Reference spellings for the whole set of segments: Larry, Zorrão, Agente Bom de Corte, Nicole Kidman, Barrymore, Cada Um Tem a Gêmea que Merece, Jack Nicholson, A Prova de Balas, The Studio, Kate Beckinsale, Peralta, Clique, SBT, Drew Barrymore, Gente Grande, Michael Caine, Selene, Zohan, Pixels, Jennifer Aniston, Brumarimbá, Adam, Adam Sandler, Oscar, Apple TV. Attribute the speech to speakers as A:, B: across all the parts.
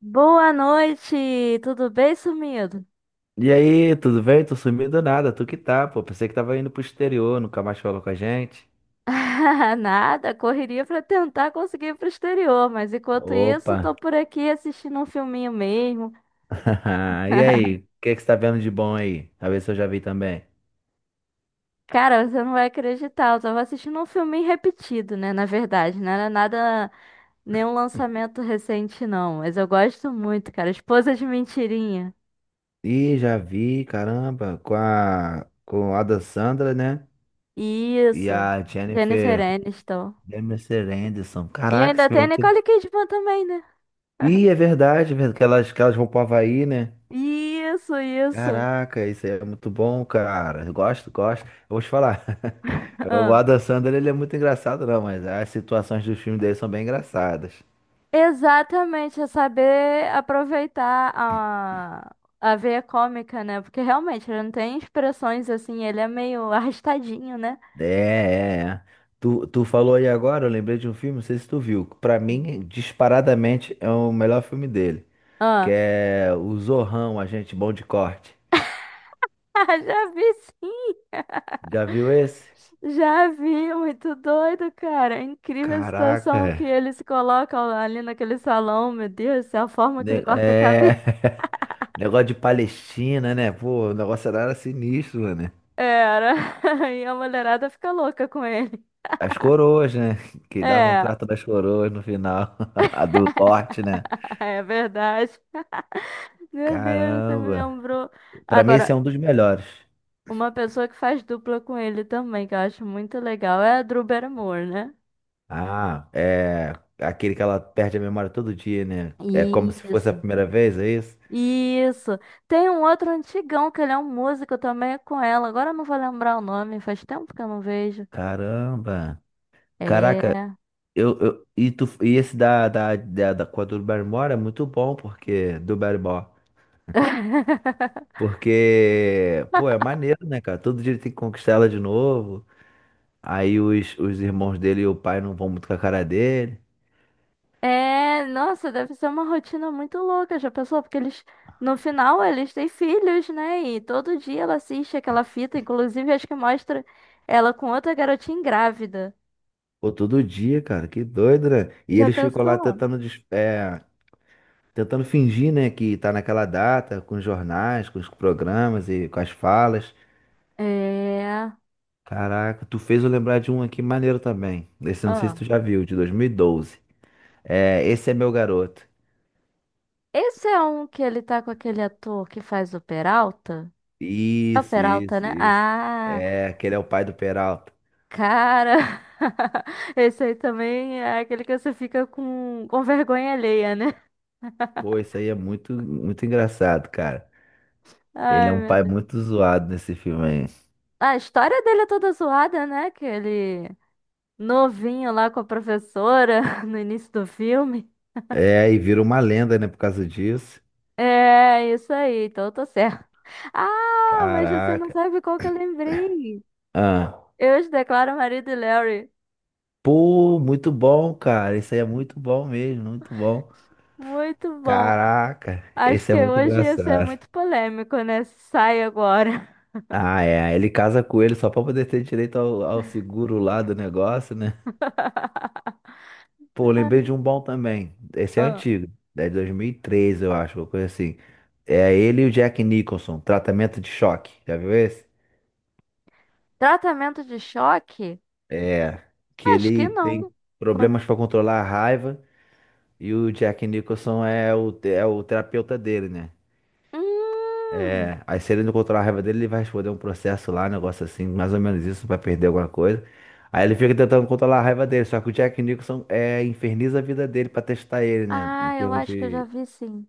A: Boa noite! Tudo bem, sumido?
B: E aí, tudo bem? Tô sumido do nada, tu que tá, pô. Pensei que tava indo pro exterior, nunca mais falou com a gente.
A: Nada, correria pra tentar conseguir ir pro exterior, mas enquanto isso,
B: Opa!
A: tô por aqui assistindo um filminho mesmo.
B: E aí, o que é que você tá vendo de bom aí? Talvez eu já vi também.
A: Cara, você não vai acreditar, eu tava assistindo um filminho repetido, né? Na verdade, não era nada, nenhum lançamento recente, não, mas eu gosto muito, cara. Esposa de Mentirinha.
B: Ih, já vi, caramba, com a Adam Sandler, né? E
A: Isso,
B: a
A: Jennifer
B: Jennifer
A: Aniston.
B: Jennifer Aniston.
A: E
B: Caraca, esse
A: ainda
B: filme
A: tem
B: é
A: a
B: muito...
A: Nicole Kidman também, né?
B: Ih, é verdade, que elas vão pro Havaí, né?
A: Isso, isso.
B: Caraca, isso aí é muito bom, cara. Eu gosto. Eu vou te falar. O Adam Sandler, ele é muito engraçado, não, mas as situações dos filmes dele são bem engraçadas.
A: Exatamente, é saber aproveitar a veia cômica, né? Porque realmente ele não tem expressões assim, ele é meio arrastadinho, né?
B: É. Tu falou aí agora, eu lembrei de um filme, não sei se tu viu. Que pra mim, disparadamente, é o melhor filme dele. Que
A: Ah.
B: é o Zorrão, Agente Bom de Corte.
A: Já vi sim,
B: Já viu esse?
A: já vi, muito doido, cara. É incrível a
B: Caraca.
A: situação que ele se coloca ali naquele salão, meu Deus, do céu, a forma que ele
B: Ne-
A: corta a
B: É.
A: cabeça.
B: Negócio de Palestina, né? Pô, o negócio era sinistro, né?
A: Era, e a mulherada fica louca com ele.
B: As coroas, né? Que davam um
A: É,
B: trato das coroas no final. A do corte, né?
A: é verdade. Meu Deus, você me
B: Caramba.
A: lembrou.
B: Pra mim, esse
A: Agora,
B: é um dos melhores.
A: uma pessoa que faz dupla com ele também, que eu acho muito legal, é a Drew Barrymore, né?
B: Ah, é aquele que ela perde a memória todo dia, né? É como se fosse a
A: Isso.
B: primeira vez, é isso?
A: Isso. Tem um outro antigão que ele é um músico também é com ela. Agora eu não vou lembrar o nome, faz tempo que eu não vejo.
B: Caramba. Caraca,
A: É.
B: e esse da com a do Barrymore é muito bom, porque do Barrymore. Porque, pô, é maneiro, né, cara? Todo dia ele tem que conquistar ela de novo. Aí os irmãos dele e o pai não vão muito com a cara dele.
A: É, nossa, deve ser uma rotina muito louca, já pensou? Porque eles, no final, eles têm filhos, né? E todo dia ela assiste aquela fita, inclusive acho que mostra ela com outra garotinha grávida.
B: Pô, todo dia, cara, que doido, né? E
A: Já
B: ele ficou lá
A: pensou?
B: tentando fingir, né, que tá naquela data, com os jornais, com os programas e com as falas.
A: É.
B: Caraca, tu fez eu lembrar de um aqui maneiro também. Esse eu não sei se
A: Ah.
B: tu já viu, de 2012. É, esse é meu garoto.
A: Esse é um que ele tá com aquele ator que faz o Peralta? É o
B: Isso,
A: Peralta,
B: isso,
A: né?
B: isso.
A: Ah,
B: É, aquele é o pai do Peralta.
A: cara! Esse aí também é aquele que você fica com vergonha alheia, né?
B: Pô, isso aí é muito, muito engraçado, cara. Ele é
A: Ai,
B: um
A: meu
B: pai
A: Deus.
B: muito zoado nesse filme aí.
A: A história dele é toda zoada, né? Que ele novinho lá com a professora no início do filme.
B: É, e vira uma lenda, né, por causa disso.
A: É, isso aí, então eu tô certo. Ah, mas você não
B: Caraca.
A: sabe qual que eu lembrei.
B: Ah.
A: Eu os declaro marido e Larry.
B: Pô, muito bom, cara. Isso aí é muito bom mesmo, muito bom.
A: Muito bom.
B: Caraca,
A: Acho
B: esse
A: que
B: é muito
A: hoje ia ser
B: engraçado.
A: muito polêmico, né? Sai agora.
B: Ah, é. Ele casa com ele só pra poder ter direito ao seguro lá do negócio, né? Pô, lembrei de um bom também. Esse é
A: Ah.
B: antigo. É de 2013, eu acho, uma coisa assim. É ele e o Jack Nicholson, tratamento de choque. Já viu esse?
A: Tratamento de choque?
B: É. Que
A: Acho que
B: ele tem
A: não. Con-
B: problemas para controlar a raiva e o Jack Nicholson é o terapeuta dele, né?
A: Hum.
B: É, aí se ele não controlar a raiva dele, ele vai responder um processo lá, um negócio assim, mais ou menos isso, vai perder alguma coisa. Aí ele fica tentando controlar a raiva dele, só que o Jack Nicholson inferniza a vida dele pra testar ele, né? Em
A: Ah, eu
B: termos
A: acho que eu já
B: de.
A: vi sim.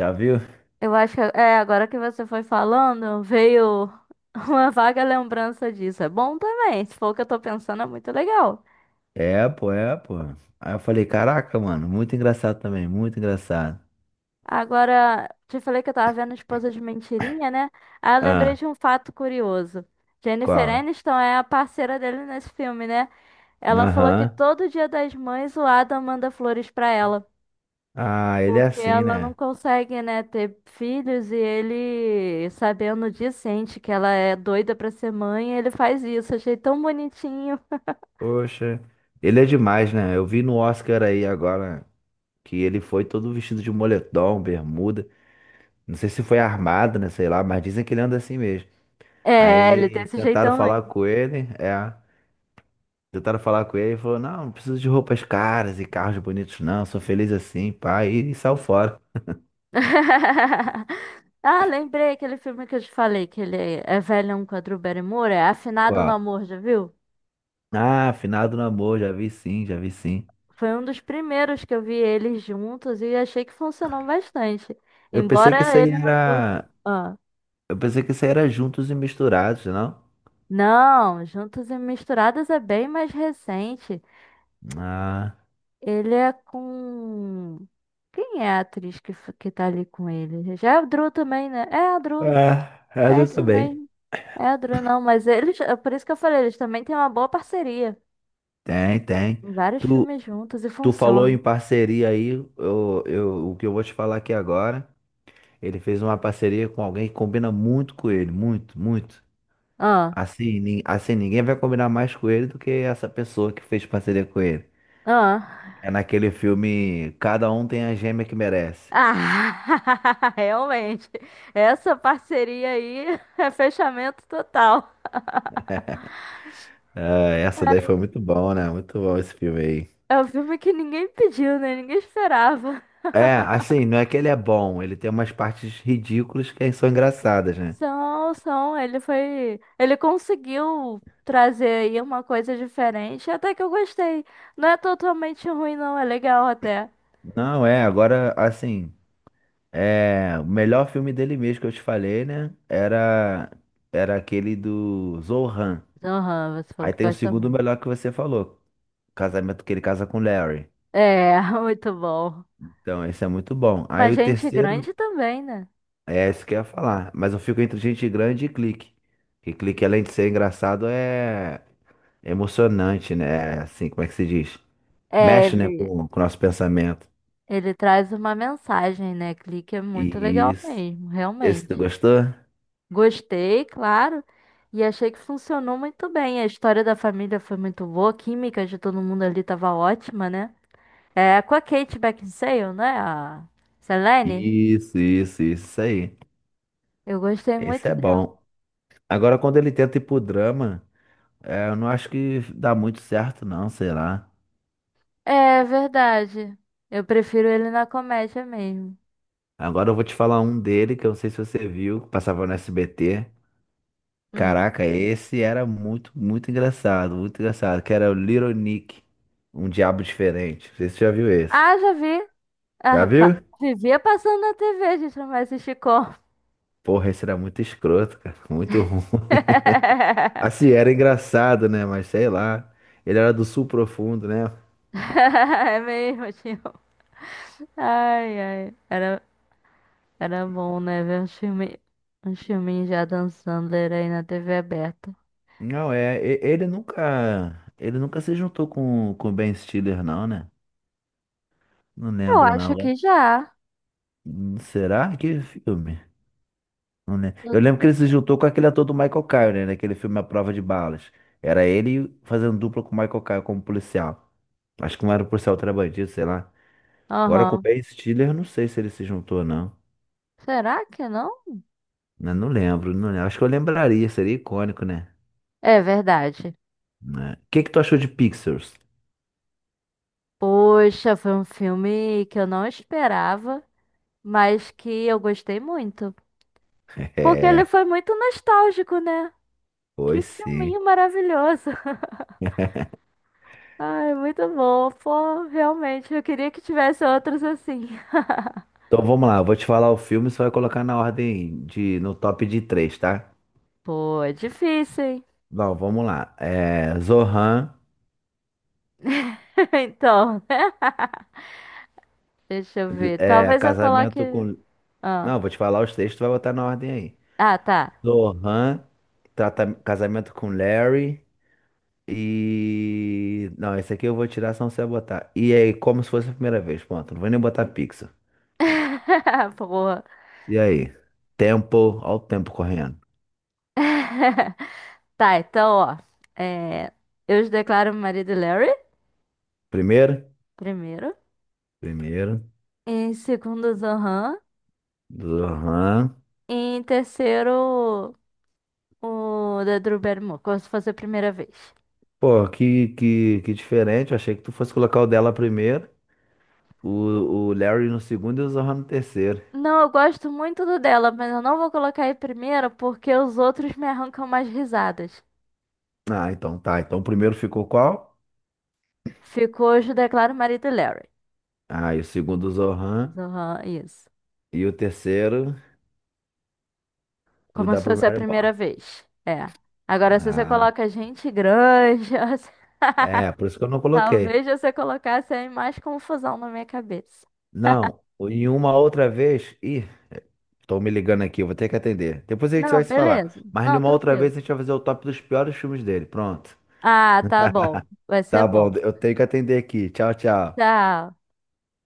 B: Já viu?
A: Eu acho que é agora que você foi falando, veio uma vaga lembrança disso. É bom também, se for o que eu tô pensando, é muito legal.
B: É, pô. Aí eu falei, caraca, mano, muito engraçado também, muito engraçado.
A: Agora, te falei que eu tava vendo Esposa de Mentirinha, né? Aí eu lembrei
B: Ah,
A: de um fato curioso. Jennifer
B: qual?
A: Aniston é a parceira dele nesse filme, né? Ela falou que
B: Aham.
A: todo dia das mães o Adam manda flores pra ela,
B: Ah, ele é
A: porque
B: assim,
A: ela não
B: né?
A: consegue, né, ter filhos e ele, sabendo disso, sente que ela é doida pra ser mãe, e ele faz isso. Achei tão bonitinho.
B: Poxa, ele é demais, né? Eu vi no Oscar aí agora que ele foi todo vestido de moletom, bermuda. Não sei se foi armado, né? Sei lá, mas dizem que ele anda assim mesmo.
A: É, ele tem
B: Aí
A: esse
B: tentaram
A: jeitão aí.
B: falar com ele, é. Tentaram falar com ele e falou: Não, não preciso de roupas caras e carros bonitos, não. Sou feliz assim, pai. E saiu fora.
A: Ah, lembrei aquele filme que eu te falei, que ele é velhão com a Drew Barrymore, é Afinado no
B: Qual?
A: Amor, já viu?
B: Ah, afinado no amor, já vi sim, já vi sim.
A: Foi um dos primeiros que eu vi eles juntos e achei que funcionou bastante.
B: Eu pensei que
A: Embora
B: isso aí
A: ele não fosse.
B: era.
A: Ah.
B: Eu pensei que isso aí era juntos e misturados, não?
A: Não, Juntos e Misturados é bem mais recente.
B: Ah,
A: Ele é com. Quem é a atriz que, f- que tá ali com ele? Já é a Drew também, né? É a Drew.
B: ah, é,
A: É
B: eu
A: isso
B: também.
A: mesmo. É a Drew, não, mas eles. É por isso que eu falei, eles também têm uma boa parceria.
B: Tem, tem.
A: Em vários
B: Tu,
A: filmes juntos e
B: tu falou
A: funciona.
B: em parceria aí, o que eu vou te falar aqui agora. Ele fez uma parceria com alguém que combina muito com ele, muito, muito.
A: Ah,
B: Assim, ninguém vai combinar mais com ele do que essa pessoa que fez parceria com ele.
A: ah.
B: É naquele filme Cada Um Tem a Gêmea que Merece.
A: Ah, realmente. Essa parceria aí é fechamento total.
B: É, essa daí foi muito bom, né? Muito bom esse filme aí.
A: É um filme que ninguém pediu, né? Ninguém esperava.
B: É, assim, não é que ele é bom, ele tem umas partes ridículas que são engraçadas, né?
A: São, são, ele foi, ele conseguiu trazer aí uma coisa diferente, até que eu gostei. Não é totalmente ruim, não, é legal até.
B: Não, é, agora, assim, é, o melhor filme dele mesmo que eu te falei, né? Era aquele do Zohan.
A: Aham, você falou
B: Aí
A: que
B: tem o
A: gosta
B: segundo
A: muito.
B: melhor que você falou, casamento que ele casa com o Larry.
A: É, muito bom.
B: Então, esse é muito bom. Aí
A: Mas
B: o
A: gente
B: terceiro,
A: grande também, né?
B: é esse que eu ia falar. Mas eu fico entre Gente Grande e Clique. Que Clique, além de ser engraçado, é emocionante, né? É assim, como é que se diz?
A: É,
B: Mexe, né,
A: ele,
B: com o nosso pensamento.
A: ele traz uma mensagem, né? Clique é muito legal
B: Isso.
A: mesmo,
B: Esse
A: realmente.
B: tu gostou?
A: Gostei, claro, e achei que funcionou muito bem. A história da família foi muito boa, a química de todo mundo ali tava ótima, né? É, com a Kate Beckinsale, né? A Selene.
B: Isso aí.
A: Eu gostei
B: Esse
A: muito
B: é
A: dela.
B: bom. Agora, quando ele tenta ir pro drama, é, eu não acho que dá muito certo, não, sei lá.
A: É verdade. Eu prefiro ele na comédia mesmo.
B: Agora eu vou te falar um dele que eu não sei se você viu, que passava no SBT.
A: Hum.
B: Caraca, esse era muito, muito engraçado, que era o Little Nick, um diabo diferente. Não sei se você já viu esse.
A: Ah, já vi.
B: Já
A: Ah, pa-
B: viu?
A: Vivia passando na TV, a gente não vai assistir como.
B: Porra, esse era muito escroto, cara, muito ruim. Assim, era engraçado, né? Mas sei lá. Ele era do sul profundo, né?
A: É mesmo, tio. Ai, ai. Era, era bom, né? Ver um filme, um filminhos já dançando era aí na TV aberta.
B: Ele nunca se juntou com o Ben Stiller, não, né? Não
A: Eu
B: lembro, não.
A: acho
B: Agora,
A: que já.
B: Será que filme? Não, né?
A: Eu
B: Eu lembro que
A: tô...
B: ele
A: te-
B: se juntou com aquele ator do Michael Caine, né? Naquele filme A Prova de Balas. Era ele fazendo dupla com o Michael Caine como policial. Acho que um era o policial, outro era bandido, sei lá. Agora com o
A: Aham.
B: Ben Stiller, eu não sei se ele se juntou ou não.
A: Será que não?
B: Né, não lembro, não lembro. Acho que eu lembraria, seria icônico, né?
A: É verdade.
B: Né? O que que tu achou de Pixels?
A: Poxa, foi um filme que eu não esperava, mas que eu gostei muito. Porque ele
B: É,
A: foi muito nostálgico, né?
B: foi
A: Que
B: sim.
A: filminho maravilhoso. Ai, muito bom. Pô, realmente, eu queria que tivesse outros assim.
B: Então vamos lá, eu vou te falar o filme, você vai colocar na ordem de, no top de três, tá?
A: Pô, é difícil, hein?
B: Bom, vamos lá. É, Zohan,
A: Então, né? Deixa eu ver.
B: é,
A: Talvez eu coloque.
B: Casamento com
A: Ah,
B: Não, vou te falar os textos, tu vai botar na ordem aí.
A: ah, tá.
B: Zohan Casamento com Larry e... Não, esse aqui eu vou tirar, senão você vai botar. E aí, como se fosse a primeira vez, pronto. Não vou nem botar pixel.
A: Porra.
B: E aí? Tempo, olha o tempo correndo.
A: Tá, então, ó. É... Eu os declaro meu marido Larry,
B: Primeiro?
A: primeiro.
B: Primeiro.
A: Em segundo, Zohan.
B: Zohan.
A: E em terceiro, o da Drew Barrymore, como se fosse a primeira vez.
B: Pô, que diferente. Eu achei que tu fosse colocar o dela primeiro, o, o Larry no segundo e o Zohan no terceiro.
A: Não, eu gosto muito do dela, mas eu não vou colocar em primeira porque os outros me arrancam mais risadas.
B: Ah, então tá. Então o primeiro ficou qual?
A: Ficou hoje, declaro marido e Larry.
B: Ah, e o segundo o Zohan.
A: Zohan, isso.
B: E o terceiro? O
A: Como
B: da
A: se fosse a primeira
B: Brumarimbá.
A: vez. É. Agora, se você
B: Ah,
A: coloca gente grande,
B: é, por isso que eu não coloquei.
A: talvez você colocasse aí mais confusão na minha cabeça.
B: Não, em uma outra vez. Ih, tô me ligando aqui, eu vou ter que atender. Depois a gente
A: Não,
B: vai se falar.
A: beleza.
B: Mas em
A: Não,
B: uma outra
A: tranquilo.
B: vez a gente vai fazer o top dos piores filmes dele. Pronto.
A: Ah, tá bom. Vai ser
B: Tá bom,
A: bom.
B: eu tenho que atender aqui. Tchau, tchau.
A: Tchau.